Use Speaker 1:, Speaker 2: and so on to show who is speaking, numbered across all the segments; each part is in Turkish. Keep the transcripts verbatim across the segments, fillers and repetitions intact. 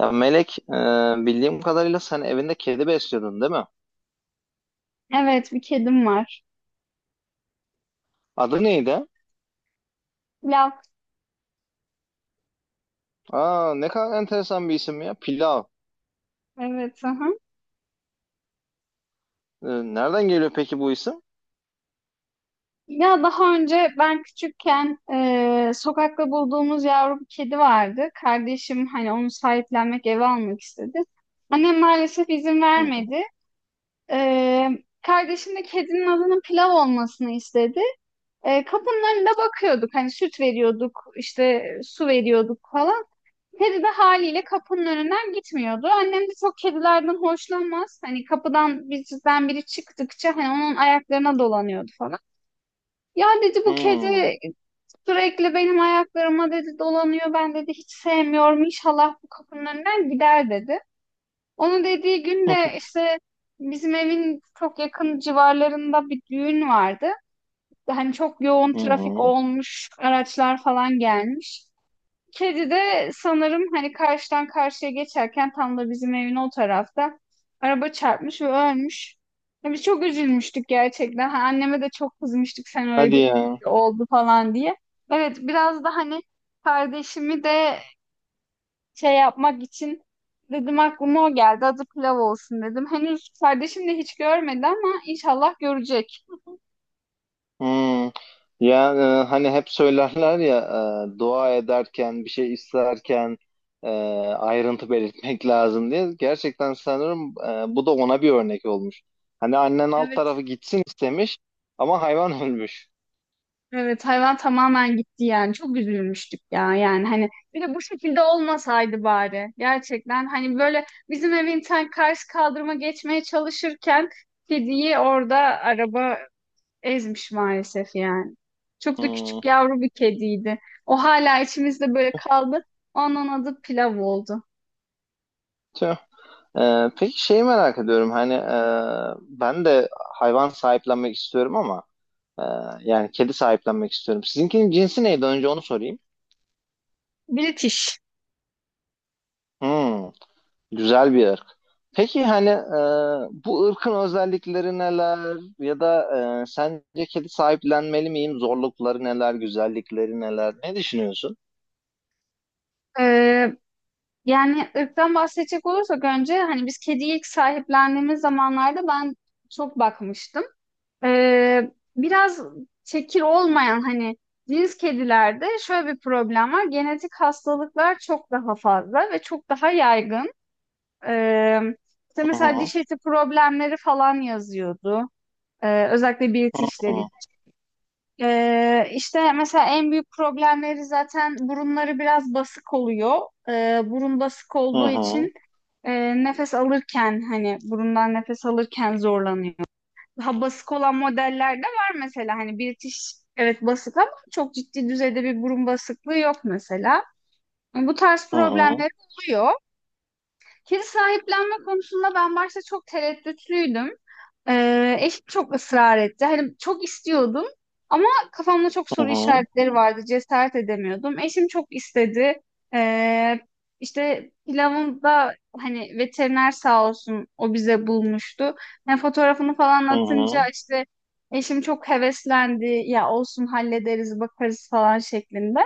Speaker 1: Ya Melek, e, bildiğim kadarıyla sen evinde kedi besliyordun değil mi?
Speaker 2: Evet, bir kedim var.
Speaker 1: Adı neydi?
Speaker 2: Lav.
Speaker 1: Aa, ne kadar enteresan bir isim ya. Pilav.
Speaker 2: Evet, aha.
Speaker 1: E, nereden geliyor peki bu isim?
Speaker 2: Ya daha önce ben küçükken e, sokakta bulduğumuz yavru bir kedi vardı. Kardeşim hani onu sahiplenmek, eve almak istedi. Annem maalesef izin
Speaker 1: Hı hı.
Speaker 2: vermedi. E, Kardeşim de kedinin adının Pilav olmasını istedi. E, kapının önünde bakıyorduk. Hani süt veriyorduk, işte su veriyorduk falan. Kedi de haliyle kapının önünden gitmiyordu. Annem de çok kedilerden hoşlanmaz. Hani kapıdan bizden biri çıktıkça hani onun ayaklarına dolanıyordu falan. Ya dedi bu
Speaker 1: Hmm.
Speaker 2: kedi sürekli benim ayaklarıma dedi dolanıyor. Ben dedi hiç sevmiyorum. İnşallah bu kapının önünden gider dedi. Onu dediği gün de işte bizim evin çok yakın civarlarında bir düğün vardı. Hani çok yoğun
Speaker 1: Hı
Speaker 2: trafik
Speaker 1: hı.
Speaker 2: olmuş, araçlar falan gelmiş. Kedi de sanırım hani karşıdan karşıya geçerken tam da bizim evin o tarafta araba çarpmış ve ölmüş. Ya biz çok üzülmüştük gerçekten. Ha, anneme de çok kızmıştık sen öyle
Speaker 1: Hadi
Speaker 2: dedin,
Speaker 1: ya.
Speaker 2: oldu falan diye. Evet biraz da hani kardeşimi de şey yapmak için dedim aklıma o geldi. Adı Pilav olsun dedim. Henüz kardeşim de hiç görmedi ama inşallah görecek.
Speaker 1: Hmm. Ya e, hani hep söylerler ya, e, dua ederken bir şey isterken, e, ayrıntı belirtmek lazım diye. Gerçekten sanırım e, bu da ona bir örnek olmuş. Hani annen alt
Speaker 2: Evet.
Speaker 1: tarafı gitsin istemiş ama hayvan ölmüş.
Speaker 2: Evet, hayvan tamamen gitti yani çok üzülmüştük ya yani hani bir de bu şekilde olmasaydı bari gerçekten hani böyle bizim evin tam karşı kaldırıma geçmeye çalışırken kediyi orada araba ezmiş maalesef yani. Çok da
Speaker 1: Hmm.
Speaker 2: küçük yavru bir kediydi. O hala içimizde böyle kaldı. Onun adı Pilav oldu.
Speaker 1: Tüh. Ee, peki şeyi merak ediyorum, hani e, ben de hayvan sahiplenmek istiyorum ama e, yani kedi sahiplenmek istiyorum. Sizinkinin cinsi neydi, önce onu sorayım.
Speaker 2: British.
Speaker 1: Hmm, güzel bir ırk. Peki hani, e, bu ırkın özellikleri neler, ya da e, sence kedi sahiplenmeli miyim? Zorlukları neler, güzellikleri neler? Ne düşünüyorsun?
Speaker 2: Ee, Yani ırktan bahsedecek olursak önce hani biz kediyi ilk sahiplendiğimiz zamanlarda ben çok bakmıştım. Ee, biraz çekir olmayan hani cins kedilerde şöyle bir problem var. Genetik hastalıklar çok daha fazla ve çok daha yaygın. Ee, işte
Speaker 1: Hı
Speaker 2: mesela
Speaker 1: hı,
Speaker 2: diş eti problemleri falan yazıyordu. Ee, özellikle
Speaker 1: hı
Speaker 2: British'ler
Speaker 1: hı,
Speaker 2: için. Ee, işte mesela en büyük problemleri zaten burunları biraz basık oluyor. Ee, burun basık
Speaker 1: hı
Speaker 2: olduğu
Speaker 1: hı,
Speaker 2: için e, nefes alırken hani burundan nefes alırken zorlanıyor daha basık olan modeller de var mesela. Hani British evet basık ama çok ciddi düzeyde bir burun basıklığı yok mesela. Bu tarz
Speaker 1: hı
Speaker 2: problemler oluyor. Kedi sahiplenme konusunda ben başta çok tereddütlüydüm. Ee, eşim çok ısrar etti. Hani çok istiyordum ama kafamda çok soru
Speaker 1: hı,
Speaker 2: işaretleri vardı. Cesaret edemiyordum. Eşim çok istedi. Ee, işte pilavında hani veteriner sağ olsun o bize bulmuştu. Yani fotoğrafını falan
Speaker 1: hı
Speaker 2: atınca
Speaker 1: hı,
Speaker 2: işte eşim çok heveslendi. Ya olsun hallederiz bakarız falan şeklinde.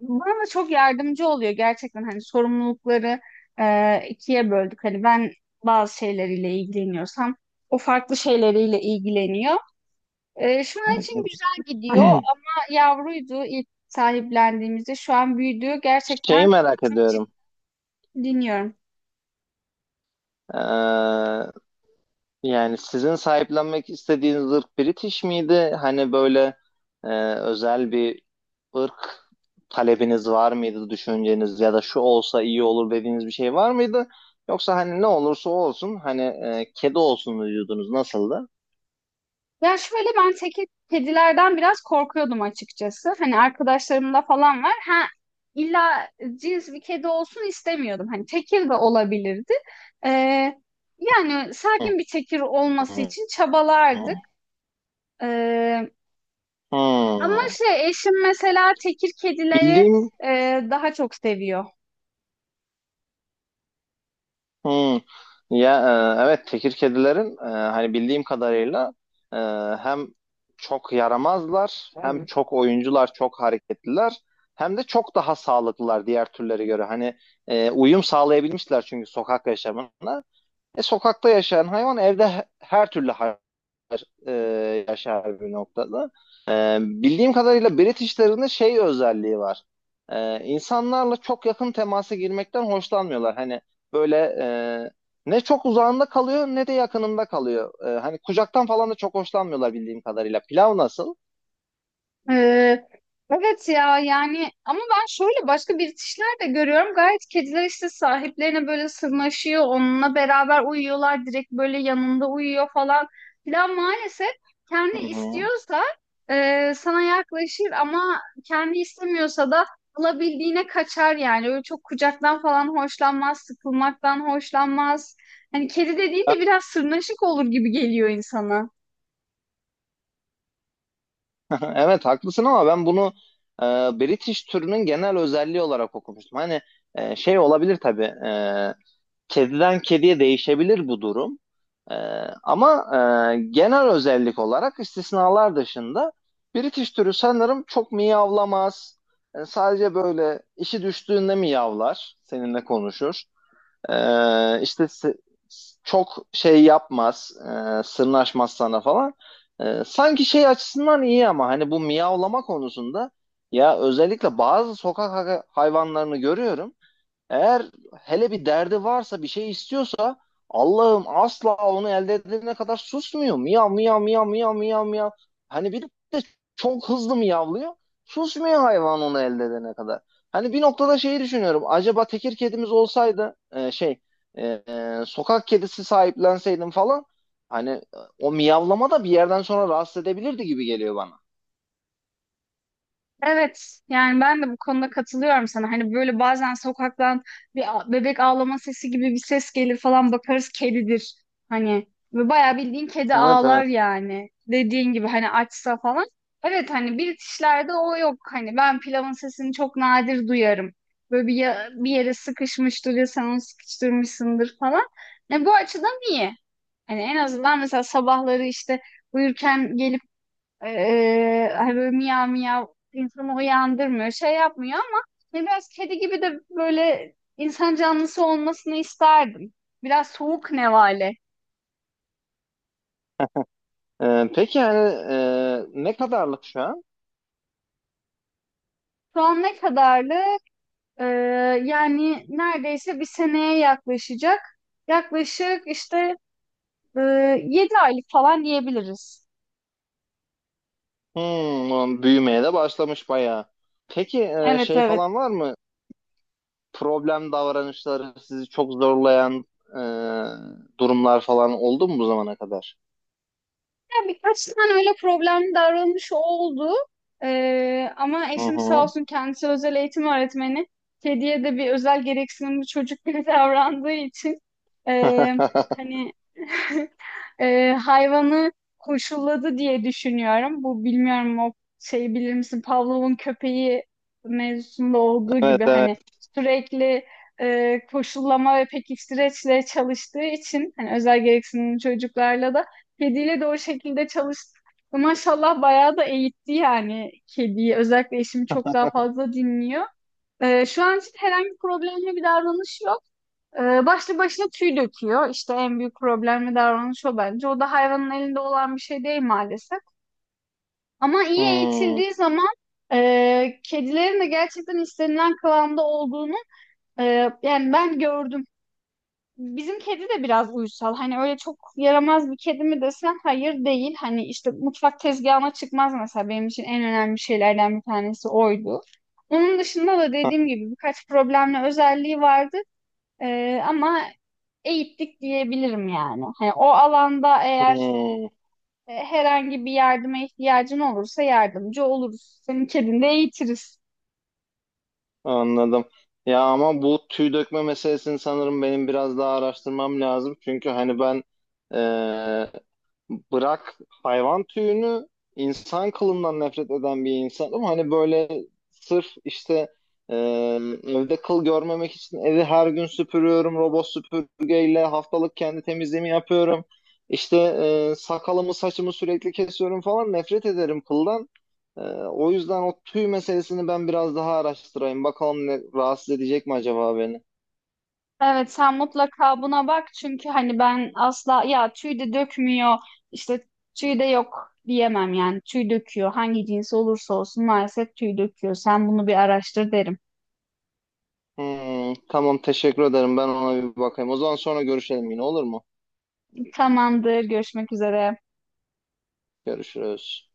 Speaker 2: Bana çok yardımcı oluyor gerçekten hani sorumlulukları e, ikiye böldük. Hani ben bazı şeyleriyle ilgileniyorsam o farklı şeyleriyle ilgileniyor. E, şu an
Speaker 1: hı
Speaker 2: için güzel gidiyor
Speaker 1: hı.
Speaker 2: ama yavruydu ilk sahiplendiğimizde şu an büyüdü
Speaker 1: Şeyi
Speaker 2: gerçekten
Speaker 1: merak
Speaker 2: çok ciddi
Speaker 1: ediyorum.
Speaker 2: dinliyorum.
Speaker 1: Ee, Yani sizin sahiplenmek istediğiniz ırk British miydi? Hani böyle e, özel bir ırk talebiniz var mıydı, düşünceniz ya da şu olsa iyi olur dediğiniz bir şey var mıydı? Yoksa hani ne olursa olsun, hani e, kedi olsun mu diyordunuz, nasıldı?
Speaker 2: Ya şöyle ben teke kedilerden biraz korkuyordum açıkçası. Hani arkadaşlarımda falan var. Ha, illa cins bir kedi olsun istemiyordum. Hani tekir de olabilirdi. Ee, Yani sakin bir tekir olması
Speaker 1: Hmm.
Speaker 2: için çabalardık. Ee, Ama
Speaker 1: Hmm.
Speaker 2: şey eşim mesela tekir kedileri
Speaker 1: Bildiğim.
Speaker 2: e, daha çok seviyor.
Speaker 1: Hmm. Ya e, evet, tekir kedilerin, e, hani bildiğim kadarıyla e, hem çok yaramazlar, hem çok oyuncular, çok hareketliler, hem de çok daha sağlıklılar diğer türlere göre. Hani e, uyum sağlayabilmişler çünkü sokak yaşamına. E, sokakta yaşayan hayvan evde, her türlü hayvan e, yaşar bir noktada. E, bildiğim kadarıyla Britishler'ın şey özelliği var. E, insanlarla çok yakın temasa girmekten hoşlanmıyorlar. Hani böyle e, ne çok uzağında kalıyor ne de yakınında kalıyor. E, hani kucaktan falan da çok hoşlanmıyorlar bildiğim kadarıyla. Pilav nasıl?
Speaker 2: Ee, evet ya yani ama ben şöyle başka birikişler de görüyorum. Gayet kediler işte sahiplerine böyle sırnaşıyor, onunla beraber uyuyorlar, direkt böyle yanında uyuyor falan filan. Maalesef kendi
Speaker 1: Hı hı.
Speaker 2: istiyorsa e, sana yaklaşır ama kendi istemiyorsa da alabildiğine kaçar yani. Öyle çok kucaktan falan hoşlanmaz, sıkılmaktan hoşlanmaz. Hani kedi dediğin de biraz sırnaşık olur gibi geliyor insana.
Speaker 1: Evet haklısın, ama ben bunu e, British türünün genel özelliği olarak okumuştum. Hani e, şey olabilir tabii, e, kediden kediye değişebilir bu durum. Ee, ama e, genel özellik olarak, istisnalar dışında, British türü sanırım çok miyavlamaz. Yani sadece böyle işi düştüğünde miyavlar, seninle konuşur. Ee, işte çok şey yapmaz, e, sırnaşmaz sana falan. Ee, sanki şey açısından iyi, ama hani bu miyavlama konusunda, ya özellikle bazı sokak hayvanlarını görüyorum. Eğer hele bir derdi varsa, bir şey istiyorsa, Allah'ım, asla onu elde edene kadar susmuyor. Miyav miyav miyav miyav miyav miyav. Hani bir de çok hızlı miyavlıyor. Susmuyor hayvan onu elde edene kadar. Hani bir noktada şeyi düşünüyorum. Acaba tekir kedimiz olsaydı, e, şey, e, e, sokak kedisi sahiplenseydim falan, hani e, o miyavlama da bir yerden sonra rahatsız edebilirdi gibi geliyor bana.
Speaker 2: Evet, yani ben de bu konuda katılıyorum sana. Hani böyle bazen sokaktan bir a- bebek ağlama sesi gibi bir ses gelir falan bakarız kedidir. Hani ve bayağı bildiğin kedi
Speaker 1: Evet,
Speaker 2: ağlar
Speaker 1: evet.
Speaker 2: yani. Dediğin gibi hani açsa falan. Evet hani British'lerde o yok. Hani ben pilavın sesini çok nadir duyarım. Böyle bir, ya- bir yere sıkışmıştır ya sen onu sıkıştırmışsındır falan. Yani bu açıdan iyi. Hani en azından mesela sabahları işte uyurken gelip ee, hani böyle miyav miyav insanı uyandırmıyor, şey yapmıyor ama hani biraz kedi gibi de böyle insan canlısı olmasını isterdim. Biraz soğuk nevale.
Speaker 1: E, peki yani, e, ne kadarlık şu an?
Speaker 2: Şu an ne kadarlı? Ee, Yani neredeyse bir seneye yaklaşacak. Yaklaşık işte e, yedi aylık falan diyebiliriz.
Speaker 1: Hmm, büyümeye de başlamış bayağı. Peki e,
Speaker 2: Evet,
Speaker 1: şey
Speaker 2: evet.
Speaker 1: falan var mı? Problem davranışları, sizi çok zorlayan e, durumlar falan oldu mu bu zamana kadar?
Speaker 2: Ya, birkaç tane öyle problemli davranış oldu. Ee, ama
Speaker 1: Hı
Speaker 2: eşim sağ
Speaker 1: hı.
Speaker 2: olsun kendisi özel eğitim öğretmeni. Kediye de bir özel gereksinimli çocuk gibi davrandığı için ee, hani ee, hayvanı koşulladı diye düşünüyorum. Bu bilmiyorum o şeyi bilir misin? Pavlov'un köpeği mevzusunda olduğu
Speaker 1: Evet,
Speaker 2: gibi
Speaker 1: evet.
Speaker 2: hani sürekli e, koşullama ve pekiştireçle çalıştığı için hani özel gereksinimli çocuklarla da kediyle de o şekilde çalıştık. Ve maşallah bayağı da eğitti yani kediyi. Özellikle eşim çok daha fazla dinliyor. Ee, şu an için herhangi bir problemli bir davranış yok. Ee, başlı başına tüy döküyor. İşte en büyük problemli davranış o bence. O da hayvanın elinde olan bir şey değil maalesef. Ama iyi
Speaker 1: Hmm,
Speaker 2: eğitildiği zaman e, kedilerin de gerçekten istenilen kıvamda olduğunu e, yani ben gördüm. Bizim kedi de biraz uysal. Hani öyle çok yaramaz bir kedi mi desen hayır değil. Hani işte mutfak tezgahına çıkmaz mesela benim için en önemli şeylerden bir tanesi oydu. Onun dışında da dediğim gibi birkaç problemli özelliği vardı. Ee, ama eğittik diyebilirim yani. Hani o alanda eğer
Speaker 1: hmm,
Speaker 2: e, herhangi bir yardıma ihtiyacın olursa yardımcı oluruz. Senin kedini de eğitiriz.
Speaker 1: anladım. Ya ama bu tüy dökme meselesini sanırım benim biraz daha araştırmam lazım. Çünkü hani ben, e, bırak hayvan tüyünü, insan kılından nefret eden bir insan, ama hani böyle sırf işte e, evde kıl görmemek için evi her gün süpürüyorum, robot süpürgeyle haftalık kendi temizliğimi yapıyorum, işte e, sakalımı saçımı sürekli kesiyorum falan, nefret ederim kıldan. E, o yüzden o tüy meselesini ben biraz daha araştırayım, bakalım ne, rahatsız edecek mi acaba beni.
Speaker 2: Evet sen mutlaka buna bak çünkü hani ben asla ya tüy de dökmüyor işte tüy de yok diyemem yani tüy döküyor hangi cins olursa olsun maalesef tüy döküyor sen bunu bir araştır derim.
Speaker 1: Hmm, tamam, teşekkür ederim, ben ona bir bakayım, o zaman sonra görüşelim yine, olur mu?
Speaker 2: Tamamdır, görüşmek üzere.
Speaker 1: Görüşürüz.